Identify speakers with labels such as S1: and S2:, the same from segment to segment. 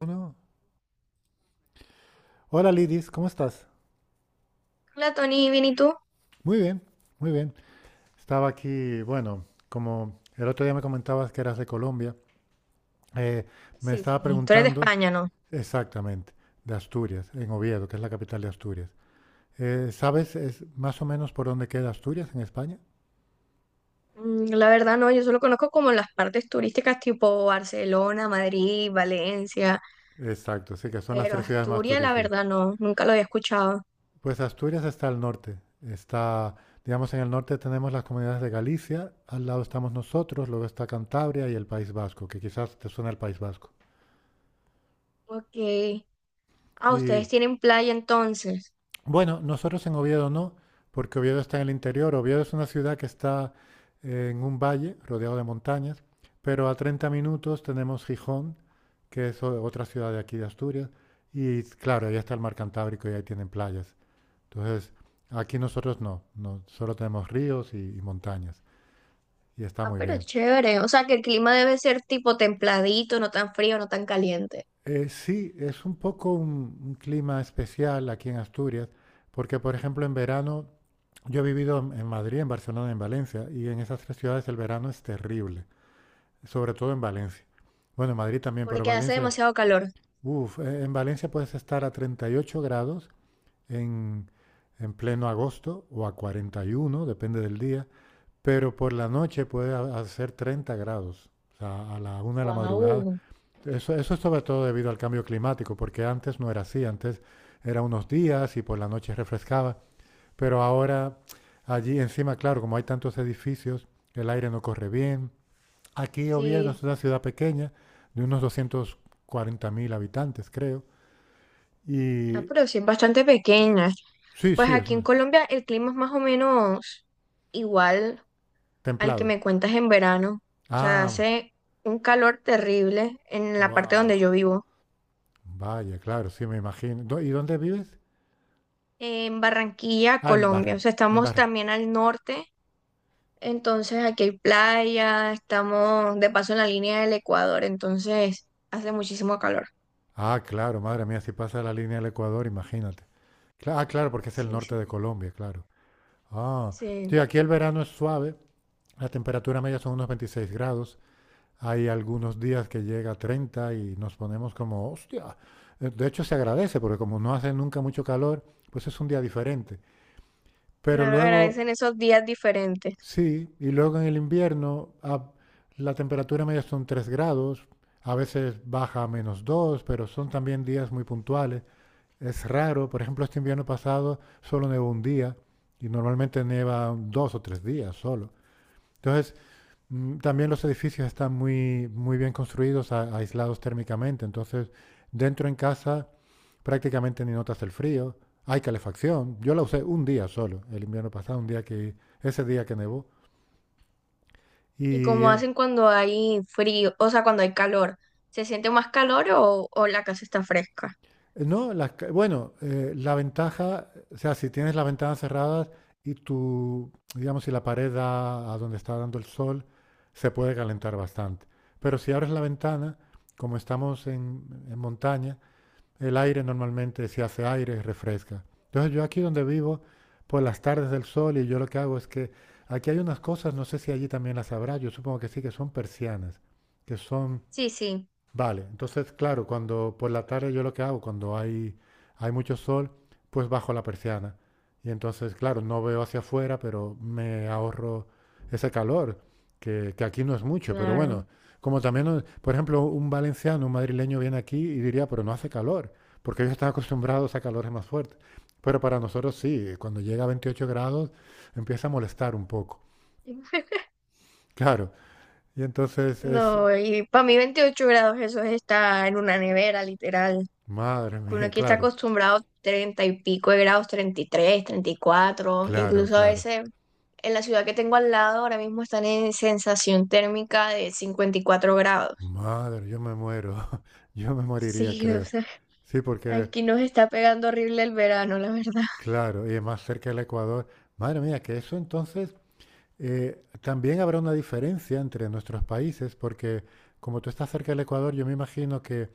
S1: Uno. Hola Lidis, ¿cómo estás?
S2: Hola Tony, ¿bien y tú?
S1: Muy bien, muy bien. Estaba aquí, bueno, como el otro día me comentabas que eras de Colombia, eh, me
S2: Sí,
S1: estaba
S2: sí, tú eres de
S1: preguntando
S2: España, ¿no?
S1: exactamente de Asturias, en Oviedo, que es la capital de Asturias. ¿Sabes es más o menos por dónde queda Asturias en España?
S2: La verdad no, yo solo conozco como las partes turísticas tipo Barcelona, Madrid, Valencia,
S1: Exacto, sí, que son las
S2: pero
S1: tres ciudades más
S2: Asturias la
S1: turísticas.
S2: verdad no, nunca lo había escuchado.
S1: Pues Asturias está al norte. Está, digamos, en el norte tenemos las comunidades de Galicia, al lado estamos nosotros, luego está Cantabria y el País Vasco, que quizás te suena el País Vasco.
S2: Ok. Ah,
S1: Y
S2: ustedes tienen playa entonces.
S1: Bueno, nosotros en Oviedo no, porque Oviedo está en el interior. Oviedo es una ciudad que está en un valle rodeado de montañas, pero a 30 minutos tenemos Gijón, que es otra ciudad de aquí de Asturias, y claro, ahí está el mar Cantábrico y ahí tienen playas. Entonces, aquí nosotros no, solo tenemos ríos y montañas, y está
S2: Ah,
S1: muy
S2: pero
S1: bien.
S2: chévere, o sea que el clima debe ser tipo templadito, no tan frío, no tan caliente,
S1: Sí, es un poco un clima especial aquí en Asturias, porque por ejemplo en verano yo he vivido en Madrid, en Barcelona, en Valencia, y en esas tres ciudades el verano es terrible, sobre todo en Valencia. Bueno, en Madrid también, pero
S2: porque hace
S1: Valencia,
S2: demasiado calor.
S1: uff, en Valencia puedes estar a 38 grados en, en pleno agosto o a 41, depende del día, pero por la noche puede hacer 30 grados, o sea, a la una de la madrugada.
S2: Wow.
S1: Eso es sobre todo debido al cambio climático, porque antes no era así, antes era unos días y por la noche refrescaba, pero ahora allí encima, claro, como hay tantos edificios, el aire no corre bien. Aquí Oviedo
S2: Sí,
S1: es una ciudad pequeña, de unos doscientos cuarenta mil habitantes, creo.
S2: ah,
S1: Y
S2: pero sí, es bastante pequeña.
S1: sí,
S2: Pues
S1: sí, es
S2: aquí en
S1: un-
S2: Colombia el clima es más o menos igual al que
S1: templado.
S2: me cuentas en verano. O sea,
S1: Ah,
S2: hace un calor terrible en la parte donde
S1: wow.
S2: yo vivo,
S1: Vaya, claro, sí, me imagino. ¿Y dónde vives?
S2: en Barranquilla,
S1: Ah, en
S2: Colombia. O sea,
S1: Barranquilla. En
S2: estamos
S1: Barranquilla.
S2: también al norte, entonces aquí hay playa, estamos de paso en la línea del Ecuador, entonces hace muchísimo calor.
S1: Ah, claro, madre mía, si pasa la línea del Ecuador, imagínate. Ah, claro, porque es el
S2: Sí,
S1: norte
S2: sí,
S1: de Colombia, claro. Ah,
S2: sí.
S1: sí, aquí el verano es suave, la temperatura media son unos 26 grados. Hay algunos días que llega a 30 y nos ponemos como, hostia. De hecho, se agradece porque como no hace nunca mucho calor, pues es un día diferente. Pero
S2: Claro,
S1: luego,
S2: agradecen esos días diferentes.
S1: sí, y luego en el invierno la temperatura media son 3 grados, a veces baja a menos 2 pero son también días muy puntuales. Es raro, por ejemplo, este invierno pasado solo nevó un día y normalmente nieva dos o tres días solo. Entonces también los edificios están muy, muy bien construidos, aislados térmicamente. Entonces, dentro en casa prácticamente ni notas el frío. Hay calefacción. Yo la usé un día solo, el invierno pasado, un día que, ese día que nevó.
S2: ¿Y
S1: Y
S2: cómo
S1: eh,
S2: hacen cuando hay frío? O sea, cuando hay calor. ¿Se siente más calor o, la casa está fresca?
S1: no, bueno, la ventaja, o sea, si tienes las ventanas cerradas y tu, digamos, si la pared da a donde está dando el sol, se puede calentar bastante. Pero si abres la ventana, como estamos en montaña, el aire normalmente, si hace aire, refresca. Entonces yo aquí donde vivo, por las tardes del sol, y yo lo que hago es que aquí hay unas cosas, no sé si allí también las habrá, yo supongo que sí, que son persianas, que son
S2: Sí, sí,
S1: vale, entonces, claro, cuando por la tarde yo lo que hago, cuando hay mucho sol, pues bajo la persiana. Y entonces, claro, no veo hacia afuera, pero me ahorro ese calor, que aquí no es mucho, pero
S2: claro.
S1: bueno, como también, no- por ejemplo, un valenciano, un madrileño viene aquí y diría, pero no hace calor, porque ellos están acostumbrados a calores más fuertes. Pero para nosotros sí, cuando llega a 28 grados empieza a molestar un poco, claro. Y entonces es,
S2: No, y para mí 28 grados eso es estar en una nevera, literal.
S1: madre
S2: Que uno
S1: mía,
S2: aquí está
S1: claro,
S2: acostumbrado a 30 y pico de grados, 30, 33, 34,
S1: claro,
S2: incluso a
S1: claro.
S2: veces en la ciudad que tengo al lado ahora mismo están en sensación térmica de 54 grados.
S1: Madre, yo me muero, yo me moriría,
S2: Sí, o
S1: creo.
S2: sea,
S1: Sí, porque,
S2: aquí nos está pegando horrible el verano, la verdad.
S1: claro, y más cerca del Ecuador. Madre mía, que eso entonces también habrá una diferencia entre nuestros países, porque como tú estás cerca del Ecuador, yo me imagino que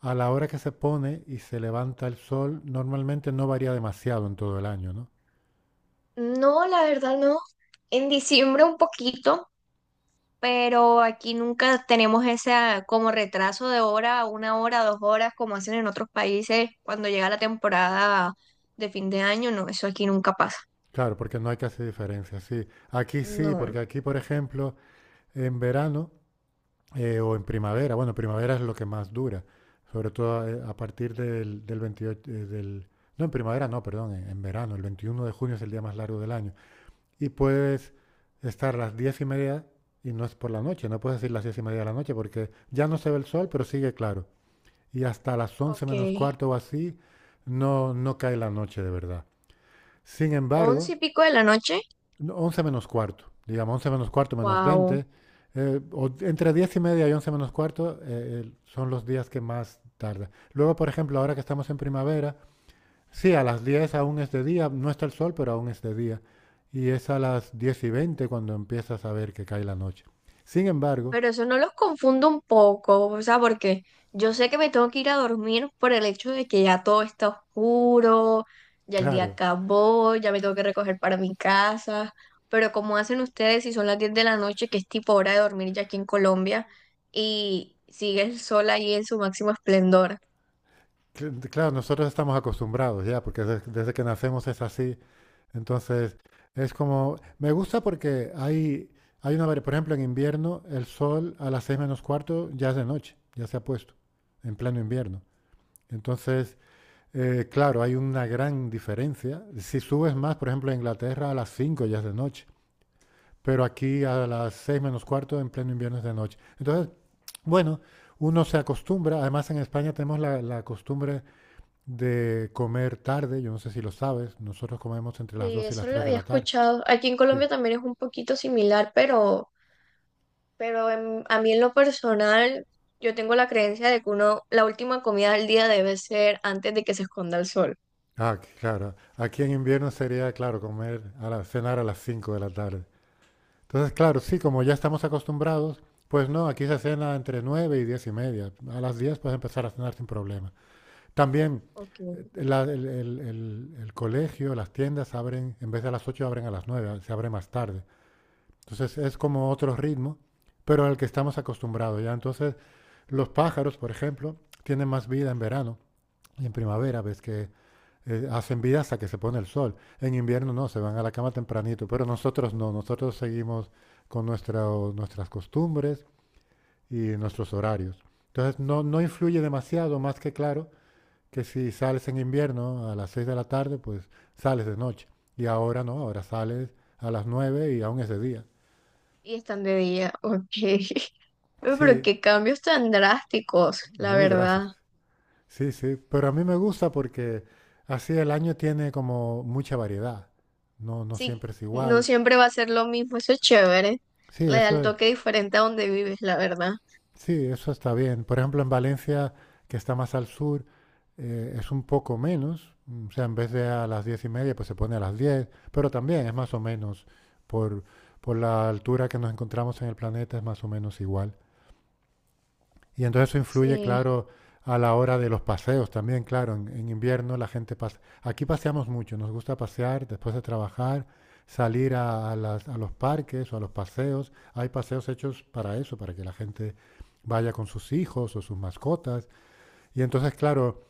S1: a la hora que se pone y se levanta el sol, normalmente no varía demasiado en todo el año, ¿no?
S2: No, la verdad no. En diciembre un poquito, pero aquí nunca tenemos ese como retraso de hora, una hora, dos horas, como hacen en otros países cuando llega la temporada de fin de año. No, eso aquí nunca pasa.
S1: Claro, porque no hay casi diferencia, sí. Aquí sí,
S2: No,
S1: porque aquí, por ejemplo, en verano o en primavera. Bueno, primavera es lo que más dura, sobre todo partir del 28, no en primavera, no, perdón, en verano. El 21 de junio es el día más largo del año. Y puedes estar a las 10 y media y no es por la noche, no puedes decir las 10 y media de la noche porque ya no se ve el sol, pero sigue claro. Y hasta las once
S2: ok.
S1: menos cuarto o así no, no cae la noche de verdad. Sin
S2: Once
S1: embargo,
S2: y pico de la noche.
S1: no, 11 menos cuarto, digamos, 11 menos cuarto menos
S2: Wow.
S1: 20 o entre 10 y media y 11 menos cuarto son los días que más tarda. Luego, por ejemplo, ahora que estamos en primavera, sí, a las 10 aún es de día, no está el sol, pero aún es de día. Y es a las 10 y 20 cuando empiezas a ver que cae la noche. Sin embargo,
S2: Pero eso no los confundo un poco, o sea, porque yo sé que me tengo que ir a dormir por el hecho de que ya todo está oscuro, ya el día
S1: claro,
S2: acabó, ya me tengo que recoger para mi casa, ¿pero cómo hacen ustedes si son las 10 de la noche, que es tipo hora de dormir ya aquí en Colombia, y sigue el sol ahí en su máximo esplendor?
S1: Claro, nosotros estamos acostumbrados ya, porque desde, que nacemos es así. Entonces, es como, me gusta porque hay una, por ejemplo, en invierno, el sol a las seis menos cuarto ya es de noche, ya se ha puesto, en pleno invierno. Entonces, claro, hay una gran diferencia. Si subes más, por ejemplo, a Inglaterra a las 5 ya es de noche, pero aquí a las seis menos cuarto en pleno invierno es de noche. Entonces, bueno, uno se acostumbra. Además, en España tenemos la costumbre de comer tarde, yo no sé si lo sabes, nosotros comemos entre las
S2: Sí,
S1: 2 y las
S2: eso lo
S1: 3 de
S2: había
S1: la tarde.
S2: escuchado. Aquí en
S1: Sí.
S2: Colombia también es un poquito similar, pero a mí en lo personal, yo tengo la creencia de que uno, la última comida del día debe ser antes de que se esconda el sol.
S1: Ah, ok, claro. Aquí en invierno sería, claro, comer cenar a las 5 de la tarde. Entonces, claro, sí, como ya estamos acostumbrados, pues no, aquí se cena entre 9 y 10 y media. A las 10 puedes empezar a cenar sin problema. También
S2: Ok.
S1: el colegio, las tiendas abren, en vez de a las 8 abren a las 9 se abre más tarde. Entonces es como otro ritmo, pero al que estamos acostumbrados ya. Entonces los pájaros, por ejemplo, tienen más vida en verano y en primavera, ves que hacen vida hasta que se pone el sol. En invierno no, se van a la cama tempranito, pero nosotros no, nosotros seguimos con nuestras costumbres y nuestros horarios. Entonces no, no influye demasiado, más que claro, que si sales en invierno a las 6 de la tarde, pues sales de noche. Y ahora no, ahora sales a las 9 y aún es de día.
S2: Y están de día, ok. Uy, pero
S1: Sí,
S2: qué cambios tan drásticos, la
S1: muy
S2: verdad.
S1: drásticos. Sí, sí, pero a mí me gusta porque así el año tiene como mucha variedad. No, no
S2: Sí,
S1: siempre es
S2: no
S1: igual.
S2: siempre va a ser lo mismo, eso es chévere.
S1: Sí,
S2: Le da
S1: eso
S2: el
S1: es-
S2: toque diferente a donde vives, la verdad.
S1: sí, eso está bien. Por ejemplo, en Valencia, que está más al sur, es un poco menos. O sea, en vez de a las diez y media, pues se pone a las diez. Pero también es más o menos por, por la altura que nos encontramos en el planeta, es más o menos igual. Y entonces eso influye,
S2: Sí.
S1: claro, a la hora de los paseos también, claro, en invierno la gente pasa. Aquí paseamos mucho, nos gusta pasear después de trabajar, salir a a los parques o a los paseos. Hay paseos hechos para eso, para que la gente vaya con sus hijos o sus mascotas. Y entonces, claro,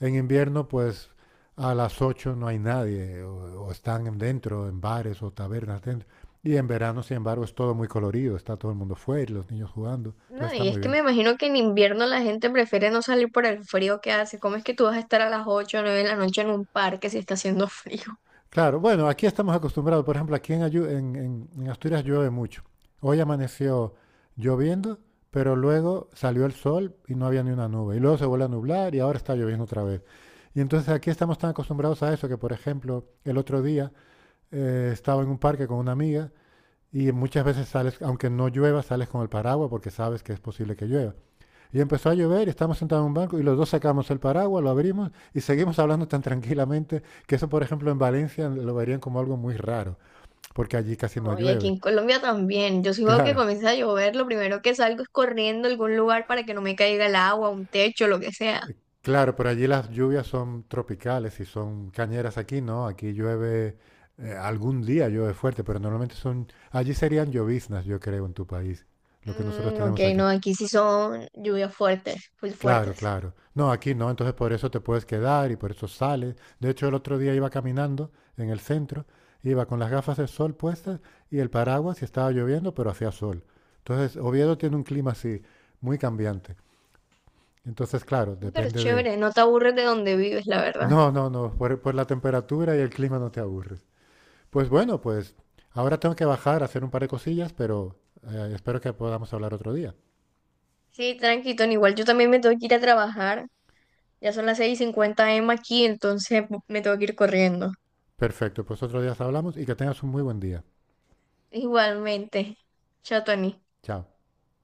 S1: en invierno pues a las 8 no hay nadie o están dentro, en bares o tabernas dentro. Y en verano, sin embargo, es todo muy colorido, está todo el mundo fuera y los niños jugando. Entonces
S2: No,
S1: está
S2: y es
S1: muy
S2: que me
S1: bien.
S2: imagino que en invierno la gente prefiere no salir por el frío que hace. ¿Cómo es que tú vas a estar a las 8 o 9 de la noche en un parque si está haciendo frío?
S1: Claro, bueno, aquí estamos acostumbrados. Por ejemplo, aquí en, Ayu- en Asturias llueve mucho. Hoy amaneció lloviendo, pero luego salió el sol y no había ni una nube. Y luego se vuelve a nublar y ahora está lloviendo otra vez. Y entonces aquí estamos tan acostumbrados a eso que, por ejemplo, el otro día estaba en un parque con una amiga y muchas veces sales, aunque no llueva, sales con el paraguas porque sabes que es posible que llueva. Y empezó a llover y estábamos sentados en un banco y los dos sacamos el paraguas, lo abrimos y seguimos hablando tan tranquilamente que eso, por ejemplo, en Valencia lo verían como algo muy raro, porque allí casi no
S2: No, y aquí
S1: llueve.
S2: en Colombia también. Yo si veo que
S1: Claro,
S2: comienza a llover, lo primero que salgo es corriendo a algún lugar para que no me caiga el agua, un techo, lo que sea.
S1: claro, pero allí las lluvias son tropicales y son cañeras aquí, ¿no? Aquí llueve, algún día llueve fuerte, pero normalmente son, allí serían lloviznas, yo creo, en tu país, lo que nosotros
S2: Mm, ok,
S1: tenemos aquí.
S2: no, aquí sí son lluvias fuertes, full
S1: Claro,
S2: fuertes.
S1: claro. No, aquí no, entonces por eso te puedes quedar y por eso sales. De hecho, el otro día iba caminando en el centro, iba con las gafas de sol puestas y el paraguas y estaba lloviendo, pero hacía sol. Entonces, Oviedo tiene un clima así, muy cambiante. Entonces, claro,
S2: Pero
S1: depende de...
S2: chévere, no te aburres de donde vives, la verdad.
S1: No, por la temperatura y el clima no te aburres. Pues bueno, ahora tengo que bajar a hacer un par de cosillas, pero espero que podamos hablar otro día.
S2: Sí, tranqui, Tony, igual yo también me tengo que ir a trabajar. Ya son las 6:50 a.m. m aquí, entonces me tengo que ir corriendo.
S1: Perfecto, pues otro día hablamos y que tengas un muy buen día.
S2: Igualmente. Chao, Tony.
S1: Chao.